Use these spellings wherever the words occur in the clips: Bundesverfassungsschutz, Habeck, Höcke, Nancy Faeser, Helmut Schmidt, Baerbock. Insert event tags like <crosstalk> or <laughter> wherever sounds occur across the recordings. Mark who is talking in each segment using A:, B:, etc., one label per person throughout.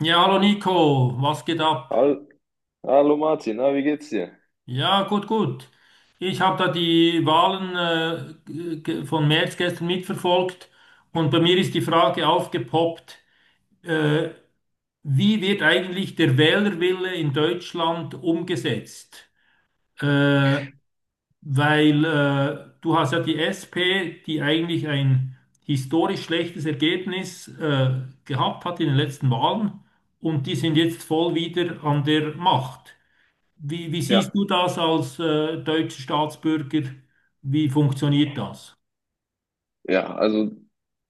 A: Ja, hallo Nico, was geht ab?
B: Hall- Hallo Martin, na, wie geht's dir?
A: Ja, gut, gut. Ich habe da die Wahlen g- von März gestern mitverfolgt und bei mir ist die Frage aufgepoppt. äh, Wie wird eigentlich der Wählerwille in Deutschland umgesetzt? Äh, weil Du hast ja die SP, die eigentlich ein historisch schlechtes Ergebnis gehabt hat in den letzten Wahlen, und die sind jetzt voll wieder an der Macht. Wie
B: Ja,
A: siehst du das als deutscher Staatsbürger? Wie funktioniert das?
B: Ja, also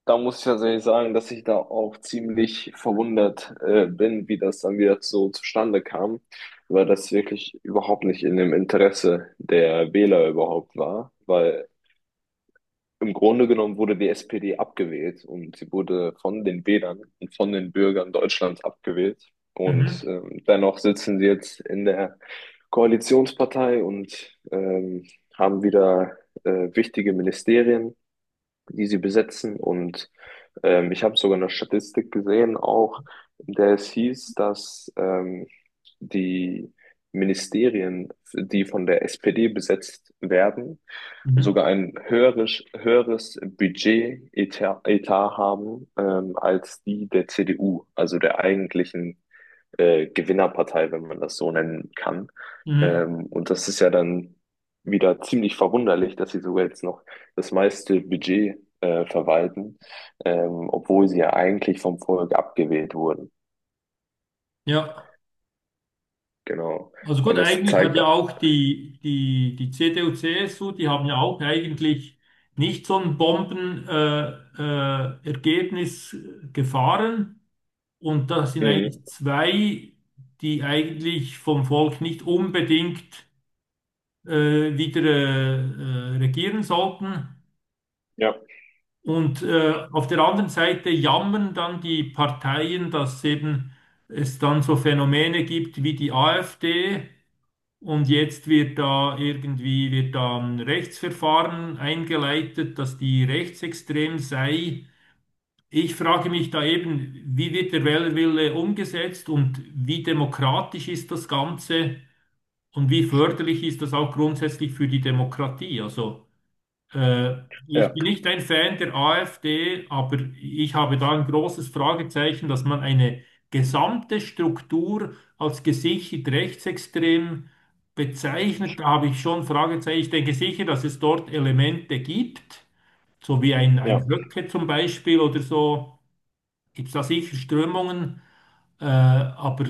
B: da muss ich tatsächlich sagen, dass ich da auch ziemlich verwundert bin, wie das dann wieder so zustande kam, weil das wirklich überhaupt nicht in dem Interesse der Wähler überhaupt war, weil im Grunde genommen wurde die SPD abgewählt und sie wurde von den Wählern und von den Bürgern Deutschlands abgewählt. Und
A: Mhm.
B: dennoch sitzen sie jetzt in der Koalitionspartei und haben wieder wichtige Ministerien, die sie besetzen. Und ich habe sogar eine Statistik gesehen, auch in der es hieß, dass die Ministerien, die von der SPD besetzt werden,
A: Mhm.
B: sogar ein höheres Budget-Etat Etat haben als die der CDU, also der eigentlichen Gewinnerpartei, wenn man das so nennen kann.
A: Mhm.
B: Und das ist ja dann wieder ziemlich verwunderlich, dass sie sogar jetzt noch das meiste Budget verwalten, obwohl sie ja eigentlich vom Volk abgewählt wurden.
A: Ja,
B: Genau.
A: also
B: Und
A: gut,
B: das
A: eigentlich hat
B: zeigt,
A: ja auch die CDU, CSU, die haben ja auch eigentlich nicht so ein Ergebnis gefahren. Und das sind
B: mhm.
A: eigentlich zwei, die eigentlich vom Volk nicht unbedingt wieder regieren sollten.
B: Ja,
A: Und auf der anderen Seite jammern dann die Parteien, dass eben es dann so Phänomene gibt wie die AfD, und jetzt wird da ein Rechtsverfahren eingeleitet, dass die rechtsextrem sei. Ich frage mich da eben, wie wird der Wählerwille umgesetzt und wie demokratisch ist das Ganze und wie förderlich ist das auch grundsätzlich für die Demokratie? Äh, Ich
B: ja,
A: bin nicht ein Fan der AfD, aber ich habe da ein großes Fragezeichen, dass man eine gesamte Struktur als gesichert rechtsextrem bezeichnet. Da habe ich schon Fragezeichen. Ich denke sicher, dass es dort Elemente gibt, so wie ein,
B: ja,
A: ein Höcke zum Beispiel oder so. Gibt es da sicher Strömungen? Äh, aber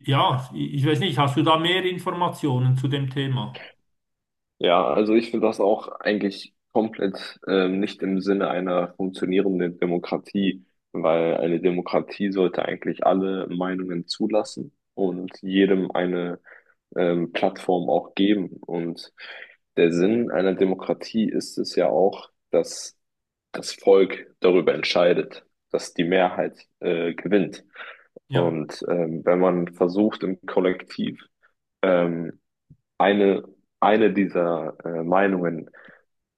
A: ja, ich, ich weiß nicht, hast du da mehr Informationen zu dem Thema?
B: ja. Also ich finde das auch eigentlich komplett nicht im Sinne einer funktionierenden Demokratie, weil eine Demokratie sollte eigentlich alle Meinungen zulassen und jedem eine Plattform auch geben. Und der Sinn einer Demokratie ist es ja auch, dass das Volk darüber entscheidet, dass die Mehrheit gewinnt.
A: Ja,
B: Und wenn man versucht, im Kollektiv ähm, eine, eine dieser Meinungen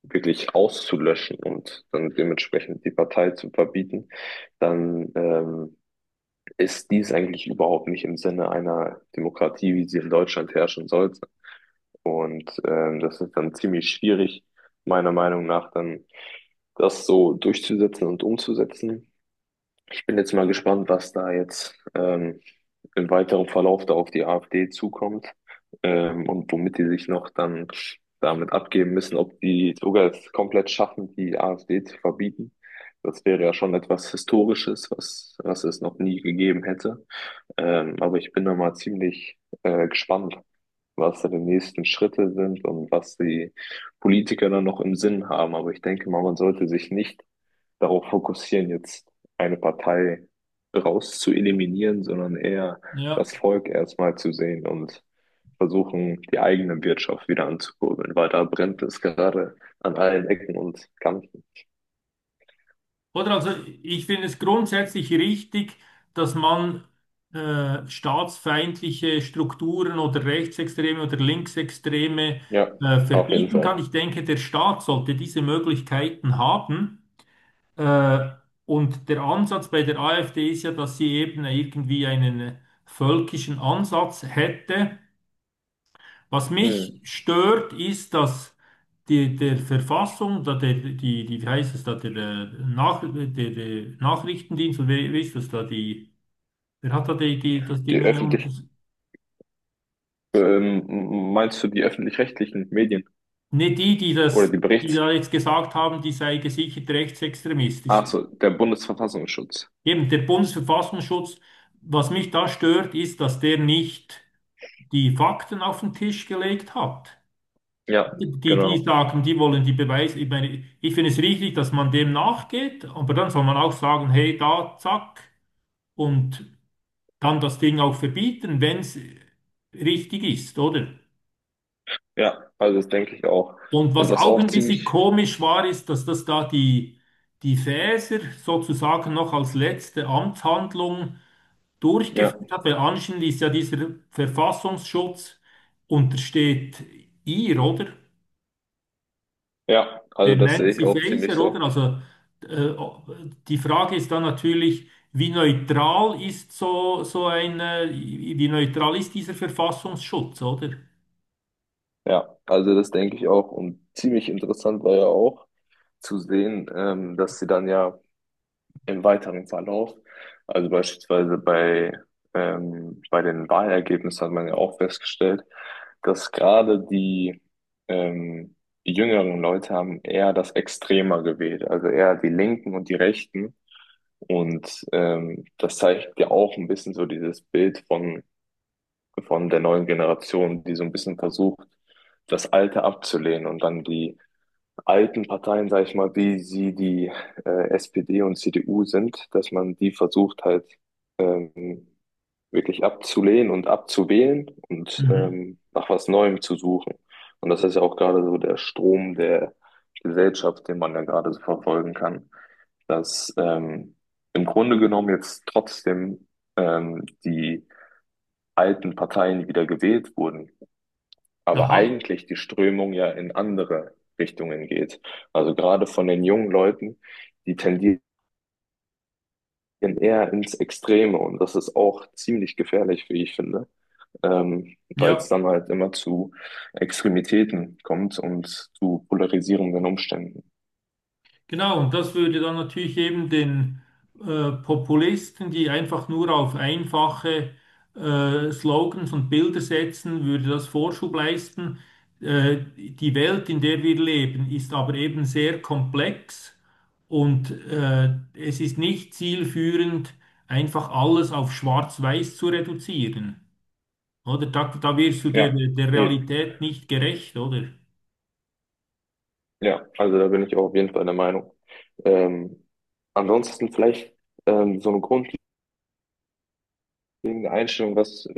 B: wirklich auszulöschen und dann dementsprechend die Partei zu verbieten, dann ist dies eigentlich überhaupt nicht im Sinne einer Demokratie, wie sie in Deutschland herrschen sollte. Und das ist dann ziemlich schwierig, meiner Meinung nach, dann das so durchzusetzen und umzusetzen. Ich bin jetzt mal gespannt, was da jetzt im weiteren Verlauf da auf die AfD zukommt und womit die sich noch dann damit abgeben müssen, ob die sogar es komplett schaffen, die AfD zu verbieten. Das wäre ja schon etwas Historisches, was es noch nie gegeben hätte. Aber ich bin da mal ziemlich gespannt, was da die nächsten Schritte sind und was die Politiker dann noch im Sinn haben. Aber ich denke mal, man sollte sich nicht darauf fokussieren, jetzt eine Partei raus zu eliminieren, sondern eher
A: ja.
B: das Volk erstmal zu sehen und versuchen, die eigene Wirtschaft wieder anzukurbeln, weil da brennt es gerade an allen Ecken und Kanten.
A: Oder also ich finde es grundsätzlich richtig, dass man staatsfeindliche Strukturen oder Rechtsextreme oder Linksextreme
B: Ja, auf jeden
A: verbieten
B: Fall.
A: kann. Ich denke, der Staat sollte diese Möglichkeiten haben. Äh, und der Ansatz bei der AfD ist ja, dass sie eben irgendwie einen völkischen Ansatz hätte. Was mich
B: Hm.
A: stört, ist, dass die, der Verfassung, da der, die, die, wie heißt es da, der, Nach, der, der Nachrichtendienst, oder wer ist das da, wer hat da das
B: Die
A: Ding unter,
B: öffentlich, meinst du die öffentlich-rechtlichen Medien
A: ne, die, die
B: oder
A: das, die da jetzt gesagt haben, die sei gesichert rechtsextremistisch.
B: Ach so, der Bundesverfassungsschutz?
A: Eben, der Bundesverfassungsschutz, was mich da stört, ist, dass der nicht die Fakten auf den Tisch gelegt hat.
B: Ja,
A: Die
B: genau.
A: sagen, die wollen die Beweise. Ich meine, ich finde es richtig, dass man dem nachgeht, aber dann soll man auch sagen, hey, da, zack, und dann das Ding auch verbieten, wenn es richtig ist, oder?
B: Ja, also das denke ich auch.
A: Und
B: Und
A: was
B: das
A: auch
B: auch
A: ein bisschen
B: ziemlich,
A: komisch war, ist, dass das da die Fäser sozusagen noch als letzte Amtshandlung
B: ja,
A: durchgeführt hat, weil anscheinend ist ja dieser Verfassungsschutz untersteht ihr, oder?
B: ja, also
A: Der
B: das sehe ich
A: Nancy
B: auch ziemlich
A: Faeser, oder?
B: so.
A: Äh, Die Frage ist dann natürlich, wie neutral ist wie neutral ist dieser Verfassungsschutz, oder?
B: Ja, also das denke ich auch. Und ziemlich interessant war ja auch zu sehen, dass sie dann ja im weiteren Verlauf, also beispielsweise bei, bei den Wahlergebnissen hat man ja auch festgestellt, dass gerade die ähm, jüngeren Leute haben eher das Extremer gewählt, also eher die Linken und die Rechten. Und das zeigt ja auch ein bisschen so dieses Bild von der neuen Generation, die so ein bisschen versucht, das Alte abzulehnen und dann die alten Parteien, sage ich mal, wie sie die SPD und CDU sind, dass man die versucht halt ähm, wirklich abzulehnen und abzuwählen und
A: Mhm.
B: nach was Neuem zu suchen. Und das ist ja auch gerade so der Strom der Gesellschaft, den man ja gerade so verfolgen kann, dass im Grunde genommen jetzt trotzdem die alten Parteien wieder gewählt wurden, aber
A: Aha,
B: eigentlich die Strömung ja in andere Richtungen geht. Also gerade von den jungen Leuten, die tendieren eher ins Extreme und das ist auch ziemlich gefährlich, wie ich finde, weil es
A: ja.
B: dann halt immer zu Extremitäten kommt und zu polarisierenden Umständen.
A: Genau, und das würde dann natürlich eben den Populisten, die einfach nur auf einfache Slogans und Bilder setzen, würde das Vorschub leisten. Die Welt, in der wir leben, ist aber eben sehr komplex, und es ist nicht zielführend, einfach alles auf Schwarz-Weiß zu reduzieren. Oder da wirst du der,
B: Ja,
A: der
B: eben.
A: Realität nicht gerecht, oder?
B: Ja, also da bin ich auch auf jeden Fall der Meinung. Ähm, Ansonsten vielleicht so eine Grund. Wegen der Einstellung,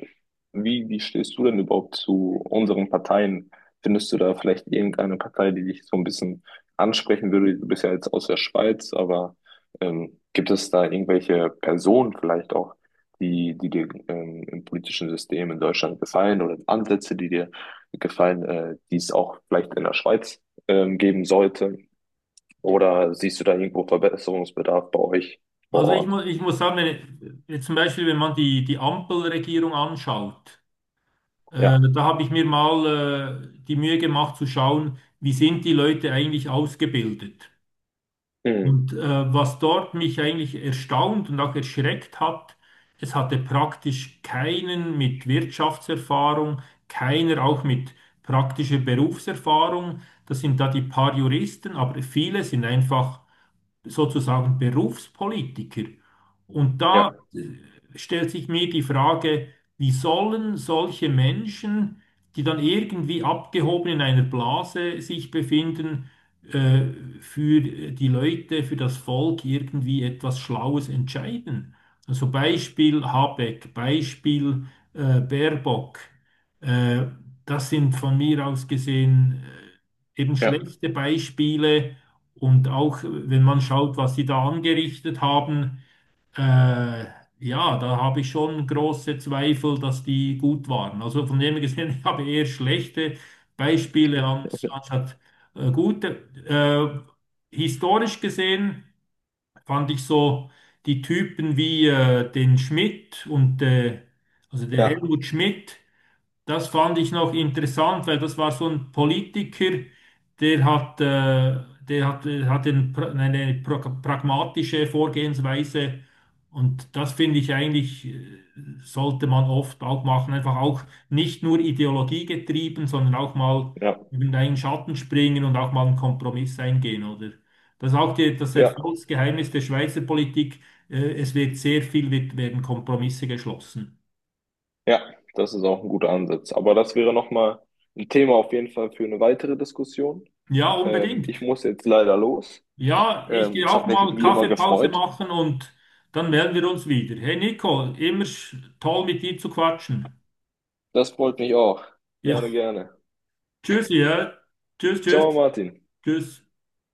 B: wie stehst du denn überhaupt zu unseren Parteien? Findest du da vielleicht irgendeine Partei, die dich so ein bisschen ansprechen würde? Du bist ja jetzt aus der Schweiz, aber gibt es da irgendwelche Personen vielleicht auch, die dir im politischen System in Deutschland gefallen oder Ansätze, die dir gefallen, die es auch vielleicht in der Schweiz geben sollte? Oder siehst du da irgendwo Verbesserungsbedarf bei euch vor
A: Also ich
B: Ort?
A: muss, ich muss sagen, wenn, jetzt zum Beispiel, wenn man die Ampelregierung anschaut,
B: Ja.
A: da habe ich mir mal die Mühe gemacht zu schauen, wie sind die Leute eigentlich ausgebildet.
B: Mhm.
A: Und was dort mich eigentlich erstaunt und auch erschreckt hat, es hatte praktisch keinen mit Wirtschaftserfahrung, keiner auch mit praktischer Berufserfahrung. Das sind da die paar Juristen, aber viele sind einfach sozusagen Berufspolitiker. Und da
B: Ja,
A: äh, stellt sich mir die Frage, wie sollen solche Menschen, die dann irgendwie abgehoben in einer Blase sich befinden, äh, für die Leute, für das Volk irgendwie etwas Schlaues entscheiden? Also Beispiel Habeck, Beispiel Baerbock. Äh, das sind von mir aus gesehen eben
B: ja.
A: schlechte Beispiele, und auch wenn man schaut, was sie da angerichtet haben, äh, ja, da habe ich schon große Zweifel, dass die gut waren. Also von dem her gesehen, <laughs> ich habe eher schlechte
B: Mhm.
A: Beispiele anstatt gute. Historisch gesehen fand ich so die Typen wie den Schmidt und also den
B: Ja.
A: Helmut Schmidt. Das fand ich noch interessant, weil das war so ein Politiker, der hat, hat den, pra- eine pra- pragmatische Vorgehensweise, und das finde ich eigentlich, sollte man oft auch machen. Einfach auch nicht nur Ideologie getrieben, sondern auch mal
B: Ja,
A: über einen Schatten springen und auch mal einen Kompromiss eingehen, oder? Das ist auch das
B: ja,
A: Erfolgsgeheimnis der Schweizer Politik. Es wird sehr viel, werden Kompromisse geschlossen.
B: ja, das ist auch ein guter Ansatz. Aber das wäre nochmal ein Thema auf jeden Fall für eine weitere Diskussion.
A: Ja,
B: Ich
A: unbedingt.
B: muss jetzt leider los.
A: Ja, ich gehe
B: Es
A: auch
B: hat mich
A: mal
B: wie immer
A: Kaffeepause
B: gefreut.
A: machen, und dann melden wir uns wieder. Hey Nico, immer toll mit dir zu quatschen.
B: Das freut mich auch. Gerne,
A: Ja,
B: gerne.
A: <laughs> tschüss, ja. Tschüss,
B: Ciao,
A: tschüss,
B: Martin.
A: tschüss.